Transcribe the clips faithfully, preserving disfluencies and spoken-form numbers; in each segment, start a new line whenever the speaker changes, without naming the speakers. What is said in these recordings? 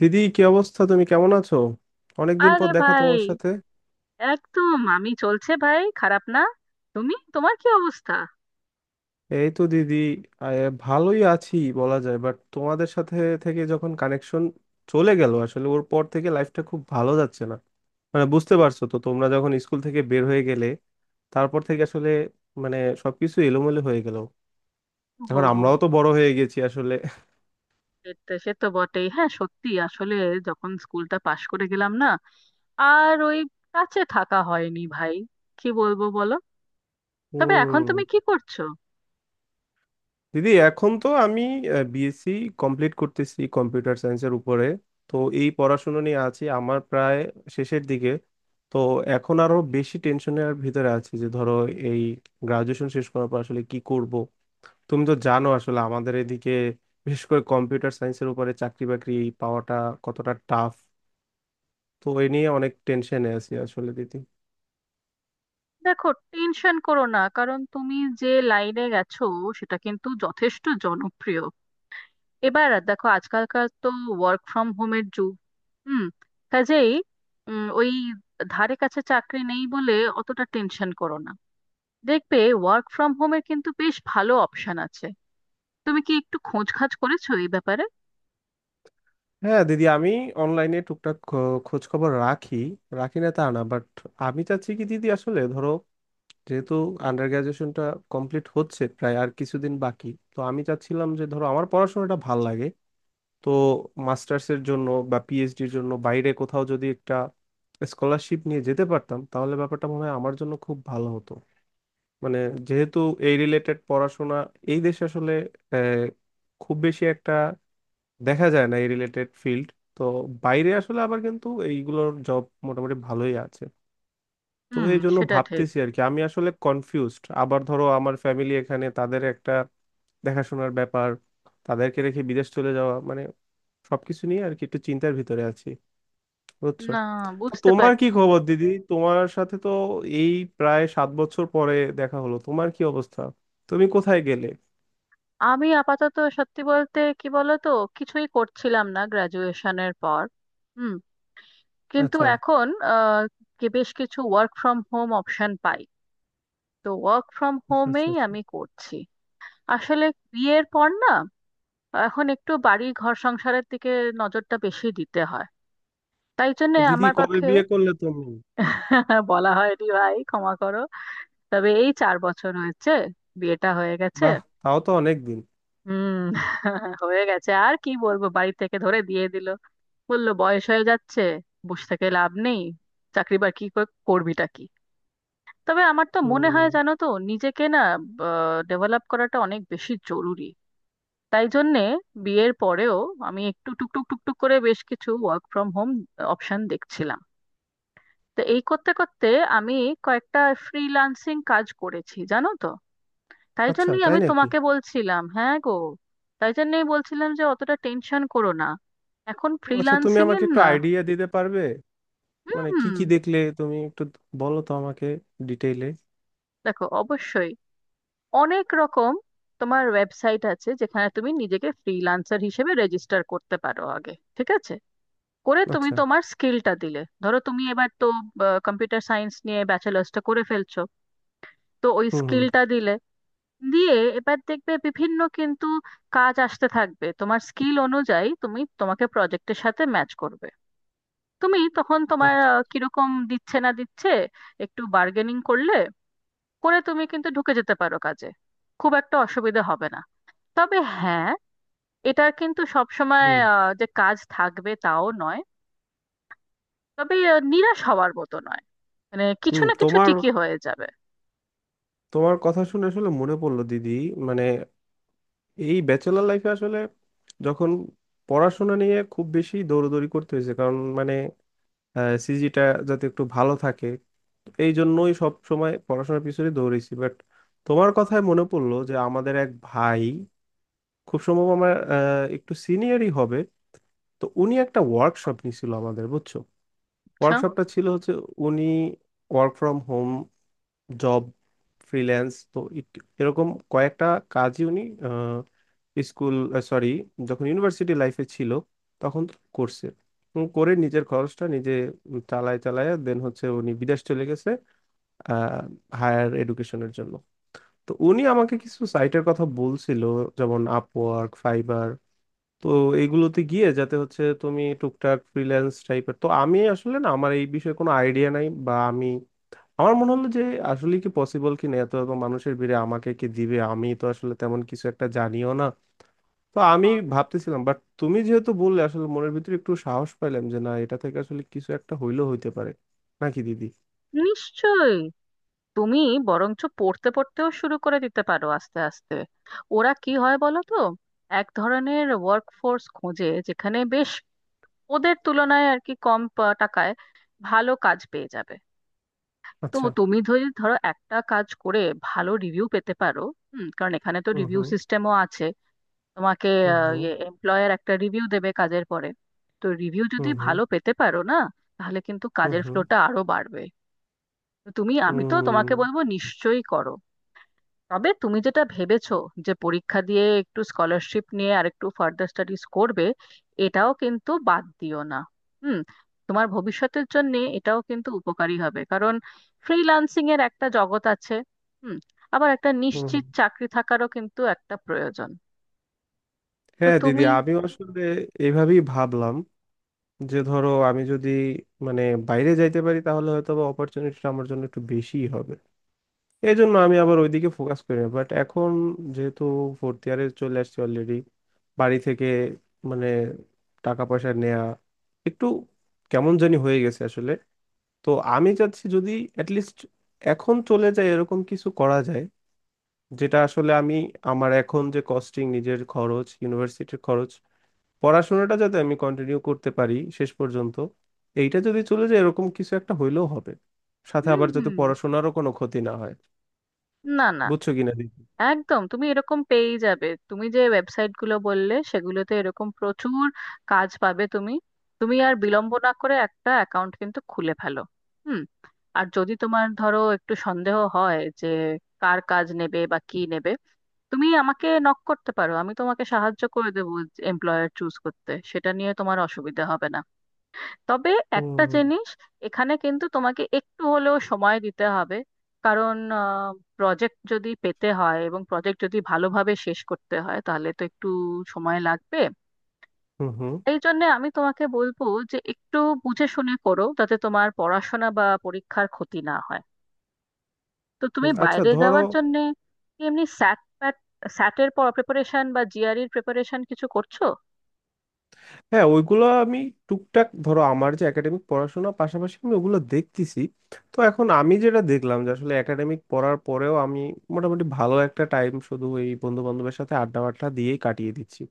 দিদি, কি অবস্থা? তুমি কেমন আছো? অনেকদিন পর
আরে
দেখা
ভাই!
তোমার সাথে।
একদম। আমি চলছে ভাই, খারাপ না। তুমি, তোমার কি অবস্থা?
এই তো দিদি। আহ, ভালোই আছি বলা যায়, বাট তোমাদের সাথে থেকে যখন কানেকশন চলে গেল, আসলে ওর পর থেকে লাইফটা খুব ভালো যাচ্ছে না। মানে বুঝতে পারছো তো, তোমরা যখন স্কুল থেকে বের হয়ে গেলে তারপর থেকে আসলে, মানে, সবকিছু এলোমেলো হয়ে গেল।
ও,
এখন আমরাও তো বড় হয়ে গেছি আসলে।
এটা সে তো বটেই। হ্যাঁ সত্যি, আসলে যখন স্কুলটা পাশ করে গেলাম না, আর ওই কাছে থাকা হয়নি ভাই। কি বলবো বলো। তবে এখন
হুম।
তুমি কি করছো?
দিদি, এখন তো আমি বিএসসি কমপ্লিট করতেছি কম্পিউটার সায়েন্সের উপরে। তো এই পড়াশোনা নিয়ে আছি, আমার প্রায় শেষের দিকে। তো এখন আরো বেশি টেনশনের ভিতরে আছি যে ধরো এই গ্রাজুয়েশন শেষ করার পর আসলে কি করব। তুমি তো জানো আসলে, আমাদের এদিকে বিশেষ করে কম্পিউটার সায়েন্সের উপরে চাকরি বাকরি পাওয়াটা কতটা টাফ। তো এ নিয়ে অনেক টেনশনে আছি আসলে দিদি।
দেখো, টেনশন করো না। কারণ তুমি যে লাইনে গেছো সেটা কিন্তু যথেষ্ট জনপ্রিয়। এবার দেখো, আজকালকার তো ওয়ার্ক ফ্রম হোমের যুগ। হুম কাজেই উম, ওই ধারে কাছে চাকরি নেই বলে অতটা টেনশন করো না। দেখবে, ওয়ার্ক ফ্রম হোমের কিন্তু বেশ ভালো অপশন আছে। তুমি কি একটু খোঁজ খাজ করেছো এই ব্যাপারে?
হ্যাঁ দিদি, আমি অনলাইনে টুকটাক খোঁজ খবর রাখি। রাখি না তা না, বাট আমি চাচ্ছি কি দিদি আসলে ধরো, যেহেতু আন্ডার গ্রাজুয়েশনটা কমপ্লিট হচ্ছে, প্রায় আর কিছুদিন বাকি। তো আমি চাচ্ছিলাম যে ধরো, আমার পড়াশোনাটা ভাল লাগে, তো মাস্টার্সের জন্য বা পিএইচডির জন্য বাইরে কোথাও যদি একটা স্কলারশিপ নিয়ে যেতে পারতাম, তাহলে ব্যাপারটা মনে হয় আমার জন্য খুব ভালো হতো। মানে, যেহেতু এই রিলেটেড পড়াশোনা এই দেশে আসলে আহ, খুব বেশি একটা দেখা যায় না, এই রিলেটেড ফিল্ড। তো বাইরে আসলে আবার কিন্তু এইগুলোর জব মোটামুটি ভালোই আছে। তো
হুম।
এই জন্য
সেটা ঠিক।
ভাবতেছি আর কি, আমি আসলে কনফিউজড। আবার ধরো আমার ফ্যামিলি এখানে, তাদের একটা দেখাশোনার ব্যাপার, তাদেরকে রেখে বিদেশ চলে যাওয়া মানে, সবকিছু নিয়ে আর কি একটু চিন্তার ভিতরে আছি। বুঝছো?
না,
তা
বুঝতে
তোমার কি
পারছি।
খবর দিদি? তোমার সাথে তো এই প্রায় সাত বছর পরে দেখা হলো। তোমার কি অবস্থা? তুমি কোথায় গেলে?
আমি আপাতত সত্যি বলতে কি বলতো, কিছুই করছিলাম না গ্রাজুয়েশনের পর। হুম কিন্তু
আচ্ছা,
এখন আহ, কি- বেশ কিছু ওয়ার্ক ফ্রম হোম অপশন পাই। তো ওয়ার্ক ফ্রম
আচ্ছা, আচ্ছা,
হোমেই
আচ্ছা।
আমি করছি। আসলে বিয়ের পর না, এখন একটু বাড়ি ঘর সংসারের দিকে নজরটা বেশি দিতে হয়, তাই জন্য
দিদি,
আমার
কবে
পক্ষে।
বিয়ে করলে তুমি?
বলা হয়নি ভাই, ক্ষমা করো। তবে এই চার বছর হয়েছে, বিয়েটা হয়ে গেছে।
বাহ! তাও তো অনেক দিন।
হুম। হয়ে গেছে, আর কি বলবো। বাড়ি থেকে ধরে দিয়ে দিল। বললো বয়স হয়ে যাচ্ছে, বসে থেকে লাভ নেই, চাকরি বাকরি কর- করবিটা কি। তবে আমার তো মনে
হুম।
হয়, জানো তো, নিজেকে না ডেভেলপ করাটা অনেক বেশি জরুরি। তাই জন্যে বিয়ের পরেও আমি একটু টুকটুক টুকটুক করে বেশ কিছু ওয়ার্ক ফ্রম হোম অপশন দেখছিলাম। তো এই করতে করতে আমি কয়েকটা ফ্রিল্যান্সিং কাজ করেছি জানো তো। তাই
আচ্ছা,
জন্যই
তাই
আমি
নাকি?
তোমাকে বলছিলাম, হ্যাঁ গো। তাই জন্যই বলছিলাম যে অতটা টেনশন করো না, এখন
আচ্ছা, তুমি
ফ্রিল্যান্সিং
আমাকে
এর
একটু
না।
আইডিয়া দিতে পারবে? মানে কি
হুম।
কি দেখলে তুমি একটু, বলো তো আমাকে ডিটেইলে।
দেখো, অবশ্যই অনেক রকম। তোমার ওয়েবসাইট আছে যেখানে তুমি নিজেকে ফ্রিল্যান্সার হিসেবে রেজিস্টার করতে পারো আগে। ঠিক আছে, করে তুমি
আচ্ছা।
তোমার স্কিলটা দিলে, ধরো তুমি এবার তো কম্পিউটার সায়েন্স নিয়ে ব্যাচেলার্সটা করে ফেলছো, তো ওই
হুম, হুম।
স্কিলটা দিলে, দিয়ে এবার দেখবে বিভিন্ন কিন্তু কাজ আসতে থাকবে। তোমার স্কিল অনুযায়ী তুমি তোমাকে প্রজেক্টের সাথে ম্যাচ করবে। তুমি তখন তোমার
আচ্ছা,
আহ, কিরকম দিচ্ছে না দিচ্ছে একটু বার্গেনিং করলে, করে তুমি কিন্তু ঢুকে যেতে পারো কাজে। খুব একটা অসুবিধা হবে না। তবে হ্যাঁ, এটা কিন্তু সবসময়
হুম,
আহ, যে কাজ থাকবে তাও নয়। তবে আহ, নিরাশ হওয়ার মতো নয়, মানে কিছু
হুম।
না কিছু
তোমার
ঠিকই হয়ে যাবে।
তোমার কথা শুনে আসলে মনে পড়লো দিদি। মানে, এই ব্যাচেলার লাইফে আসলে যখন পড়াশোনা নিয়ে খুব বেশি দৌড়দৌড়ি করতে হয়েছে, কারণ মানে সিজিটা যাতে একটু ভালো থাকে, এই জন্যই সব সময় পড়াশোনার পিছনে দৌড়েছি, বাট তোমার কথায় মনে পড়লো যে আমাদের এক ভাই, খুব সম্ভব আমার আহ, একটু সিনিয়রই হবে। তো উনি একটা ওয়ার্কশপ নিছিল আমাদের, বুঝছো?
আচ্ছা।
ওয়ার্কশপটা ছিল, হচ্ছে উনি work from home job, freelance তো ইট- এরকম কয়েকটা কাজই উনি স্কুল সরি যখন ইউনিভার্সিটি লাইফে ছিল তখন করছে। উম, করে নিজের খরচটা নিজে উম চালায় চালায়, দেন হচ্ছে উনি বিদেশ চলে গেছে হায়ার এডুকেশনের জন্য। তো উনি আমাকে কিছু সাইটের কথা বলছিল, যেমন আপওয়ার্ক, ফাইবার। তো এইগুলোতে গিয়ে যাতে হচ্ছে তুমি টুকটাক ফ্রিল্যান্স টাইপের, তো আমি আসলে না, আমার এই বিষয়ে কোনো আইডিয়া নাই বা আমি, আমার মনে হলো যে আসলে কি পসিবল কি না, এত এত মানুষের ভিড়ে আমাকে কি দিবে? আমি তো আসলে তেমন কিছু একটা জানিও না। তো আমি ভাবতেছিলাম, বাট তুমি যেহেতু বললে, আসলে মনের ভিতরে একটু সাহস পাইলাম যে না, এটা থেকে আসলে কিছু একটা হইলেও হইতে পারে, নাকি দিদি?
নিশ্চয়ই। তুমি বরঞ্চ পড়তে পড়তেও শুরু করে দিতে পারো আস্তে আস্তে। ওরা কি হয় বলো তো, এক ধরনের ওয়ার্ক ফোর্স খোঁজে যেখানে বেশ ওদের তুলনায় আর কি কম পা- টাকায় ভালো কাজ পেয়ে যাবে। তো
আচ্ছা,
তুমি যদি ধরো একটা কাজ করে ভালো রিভিউ পেতে পারো, হুম কারণ এখানে তো
হুম,
রিভিউ
হুম,
সিস্টেমও আছে। তোমাকে
হুম,
আহ,
হুম,
ইয়ে এমপ্লয়ার একটা রিভিউ দেবে কাজের পরে। তো রিভিউ
হুম,
যদি
হুম,
ভালো পেতে পারো না, তাহলে কিন্তু
হুম,
কাজের
হুম,
ফ্লোটা আরো বাড়বে। তো তুমি, আমি তো তোমাকে
হুম,
বলবো নিশ্চয়ই করো। তবে তুমি যেটা ভেবেছো যে পরীক্ষা দিয়ে একটু স্কলারশিপ নিয়ে আর একটু ফার্দার স্টাডিজ করবে, এটাও কিন্তু বাদ দিও না। হুম তোমার ভবিষ্যতের জন্য এটাও কিন্তু উপকারী হবে। কারণ ফ্রিল্যান্সিং এর একটা জগৎ আছে, হুম আবার একটা
হুম,
নিশ্চিত
হুম।
চাকরি থাকারও কিন্তু একটা প্রয়োজন। তো
হ্যাঁ দিদি,
তুমি।
আমিও আসলে এইভাবেই ভাবলাম যে ধরো আমি যদি, মানে, বাইরে যাইতে পারি, তাহলে হয়তো বা অপরচুনিটিটা আমার জন্য একটু বেশিই হবে। এই জন্য আমি আবার ওইদিকে ফোকাস করি না, বাট এখন যেহেতু ফোর্থ ইয়ারে চলে আসছি অলরেডি, বাড়ি থেকে মানে টাকা পয়সা নেয়া একটু কেমন জানি হয়ে গেছে আসলে। তো আমি চাচ্ছি যদি অ্যাটলিস্ট এখন চলে যায় এরকম কিছু করা যায়, যেটা আসলে আমি, আমার এখন যে কস্টিং, নিজের খরচ, ইউনিভার্সিটির খরচ, পড়াশোনাটা যাতে আমি কন্টিনিউ করতে পারি শেষ পর্যন্ত, এইটা যদি চলে যায় এরকম কিছু একটা হইলেও হবে, সাথে
হুম
আবার যাতে
হুম।
পড়াশোনারও কোনো ক্ষতি না হয়।
না, না।
বুঝছো কিনা দেখি।
একদম, তুমি এরকম পেয়েই যাবে। তুমি যে ওয়েবসাইট গুলো বললে সেগুলোতে এরকম প্রচুর কাজ পাবে তুমি। তুমি আর বিলম্ব না করে একটা অ্যাকাউন্ট কিন্তু খুলে ফেলো। হুম আর যদি তোমার ধরো একটু সন্দেহ হয় যে কার কাজ নেবে বা কি নেবে, তুমি আমাকে নক করতে পারো, আমি তোমাকে সাহায্য করে দেবো। এমপ্লয়ার চুজ করতে সেটা নিয়ে তোমার অসুবিধা হবে না। তবে একটা
হুম,
জিনিস, এখানে কিন্তু তোমাকে একটু হলেও সময় দিতে হবে। কারণ প্রজেক্ট যদি পেতে হয় এবং প্রজেক্ট যদি ভালোভাবে শেষ করতে হয় তাহলে তো একটু সময় লাগবে।
হুম। হুম,
এই জন্য আমি তোমাকে বলবো যে একটু বুঝে শুনে করো যাতে তোমার পড়াশোনা বা পরীক্ষার ক্ষতি না হয়। তো তুমি
হুম। আচ্ছা,
বাইরে
ধরো।
যাওয়ার জন্য এমনি স্যাট প্যাট, স্যাটের প্রিপারেশন বা জিআরইর প্রিপারেশন কিছু করছো?
হ্যাঁ, ওইগুলো আমি টুকটাক ধরো আমার যে একাডেমিক পড়াশোনা, পাশাপাশি আমি ওগুলো দেখতেছি। তো এখন আমি যেটা দেখলাম যে আসলে একাডেমিক পড়ার পরেও আমি মোটামুটি ভালো একটা টাইম শুধু এই বন্ধু বান্ধবের সাথে আড্ডা বাড্ডা দিয়েই কাটিয়ে দিচ্ছি।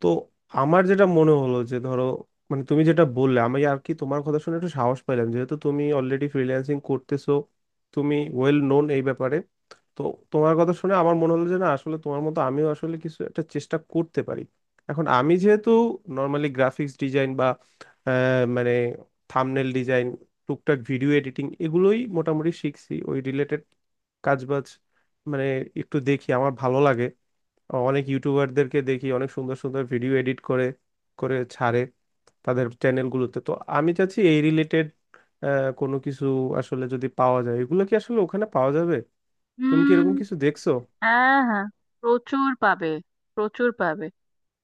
তো আমার যেটা মনে হলো যে ধরো, মানে তুমি যেটা বললে আমি আর কি, তোমার কথা শুনে একটু সাহস পাইলাম, যেহেতু তুমি অলরেডি ফ্রিল্যান্সিং করতেছো, তুমি ওয়েল নোন এই ব্যাপারে। তো তোমার কথা শুনে আমার মনে হলো যে না, আসলে তোমার মতো আমিও আসলে কিছু একটা চেষ্টা করতে পারি। এখন আমি যেহেতু নর্মালি গ্রাফিক্স ডিজাইন বা আহ, মানে থাম্বনেল ডিজাইন, টুকটাক ভিডিও এডিটিং, এগুলোই মোটামুটি শিখছি ওই রিলেটেড কাজবাজ। মানে একটু দেখি আমার ভালো লাগে, অনেক ইউটিউবারদেরকে দেখি অনেক সুন্দর সুন্দর ভিডিও এডিট করে করে ছাড়ে তাদের চ্যানেলগুলোতে। তো আমি চাচ্ছি এই রিলেটেড কোনো কিছু, আসলে যদি পাওয়া যায়, এগুলো কি আসলে ওখানে পাওয়া যাবে? তুমি কি
হুম।
এরকম কিছু দেখছো?
হ্যাঁ, হ্যাঁ, প্রচুর পাবে, প্রচুর পাবে।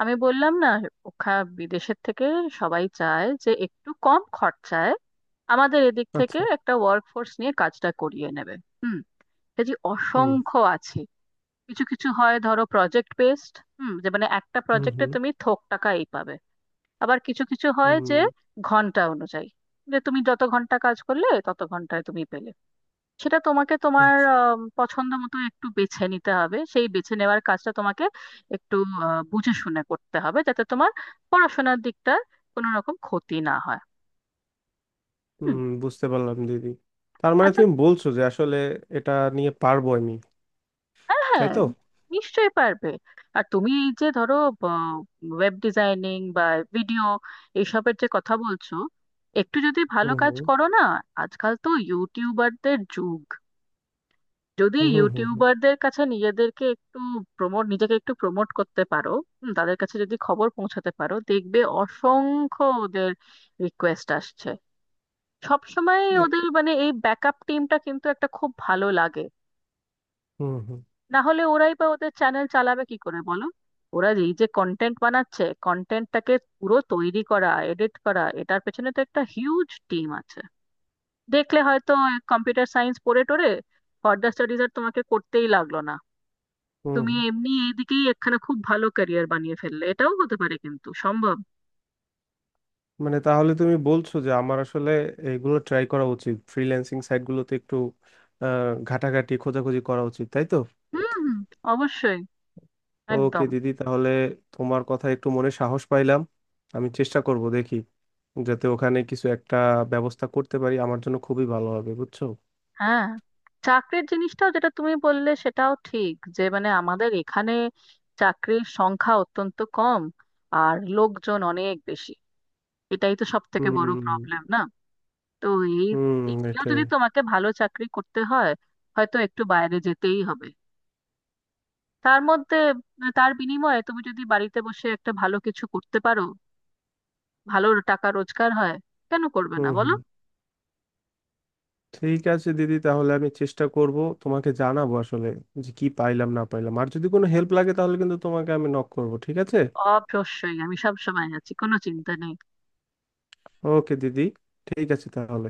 আমি বললাম না, ওখা বিদেশের থেকে সবাই চায় যে একটু কম খরচায় আমাদের এদিক থেকে
আচ্ছা।
একটা ওয়ার্ক ফোর্স নিয়ে কাজটা করিয়ে নেবে। হুম যে
হুম,
অসংখ্য আছে। কিছু কিছু হয় ধরো প্রজেক্ট বেসড, হুম যে মানে একটা
হুম,
প্রজেক্টে
হুম,
তুমি থোক টাকা এই পাবে। আবার কিছু কিছু হয় যে
হুম।
ঘন্টা অনুযায়ী, যে তুমি যত ঘন্টা কাজ করলে তত ঘন্টায় তুমি পেলে। সেটা তোমাকে তোমার
আচ্ছা।
আম, পছন্দ মতো একটু বেছে নিতে হবে। সেই বেছে নেওয়ার কাজটা তোমাকে একটু আহ, বুঝে শুনে করতে হবে যাতে তোমার পড়াশোনার দিকটা কোনো রকম ক্ষতি না হয়। হুম।
হুম, বুঝতে পারলাম দিদি। তার মানে
আচ্ছা।
তুমি বলছো যে আসলে এটা নিয়ে পারবো আমি,
হ্যাঁ,
তাই
হ্যাঁ,
তো?
নিশ্চয়ই পারবে। আর তুমি এই যে ধরো ওয়েব ডিজাইনিং বা ভিডিও এইসবের যে কথা বলছো, একটু যদি ভালো
হুম,
কাজ
হুম,
করো না। আজকাল তো ইউটিউবারদের যুগ। যদি
হুম, হুম, হুম,
ইউটিউবারদের কাছে নিজেদেরকে একটু প্রমোট নিজেকে একটু প্রমোট করতে পারো, হুম, তাদের কাছে যদি খবর পৌঁছাতে পারো দেখবে অসংখ্য ওদের রিকোয়েস্ট আসছে। সবসময়
দে-
ওদের মানে এই ব্যাকআপ টিমটা কিন্তু একটা খুব ভালো লাগে।
হুম, হুম,
না হলে ওরাই বা ওদের চ্যানেল চালাবে কি করে বলো। ওরা এই যে কন্টেন্ট বানাচ্ছে, কন্টেন্টটাকে পুরো তৈরি করা, এডিট করা, এটার পেছনে তো একটা হিউজ টিম আছে। দেখলে হয়তো কম্পিউটার সায়েন্স পড়ে টোরে ফার্দার স্টাডিজ আর তোমাকে করতেই লাগলো না।
হুম,
তুমি
হুম।
এমনি এইদিকেই একখানা খুব ভালো ক্যারিয়ার বানিয়ে ফেললে, এটাও হতে পারে কিন্তু সম্ভব।
মানে, তাহলে তুমি বলছো যে আমার আসলে এইগুলো ট্রাই করা উচিত, ফ্রিল্যান্সিং সাইটগুলোতে একটু আহ, ঘাটাঘাটি খোঁজাখুঁজি করা উচিত, তাই তো?
হুম হুম। অবশ্যই।
ওকে
একদম।
দিদি, তাহলে তোমার কথা একটু মনে সাহস পাইলাম। আমি চেষ্টা করব দেখি, যাতে ওখানে কিছু একটা ব্যবস্থা করতে পারি, আমার জন্য খুবই ভালো হবে, বুঝছো।
হ্যাঁ। চাকরির জিনিসটাও যেটা তুমি বললে সেটাও ঠিক। যে মানে আমাদের এখানে চাকরির সংখ্যা অত্যন্ত কম, আর লোকজন অনেক বেশি, এটাই তো সব থেকে বড়
হুম,
প্রবলেম না। তো এই
হুম।
এগুলো
এটাই।
যদি তোমাকে ভালো চাকরি করতে হয় হয়তো একটু বাইরে যেতেই হবে। তার মধ্যে তার বিনিময়ে তুমি যদি বাড়িতে বসে একটা ভালো কিছু করতে পারো, ভালো টাকা রোজগার হয়, কেন করবে না
হুম,
বলো।
হুম। ঠিক আছে দিদি, তাহলে আমি চেষ্টা করব, তোমাকে জানাবো আসলে যে কি পাইলাম না পাইলাম। আর যদি কোনো হেল্প লাগে তাহলে কিন্তু তোমাকে আমি নক করব, ঠিক আছে?
অবশ্যই। আমি সব সময় আছি, কোনো চিন্তা নেই।
ওকে দিদি, ঠিক আছে তাহলে।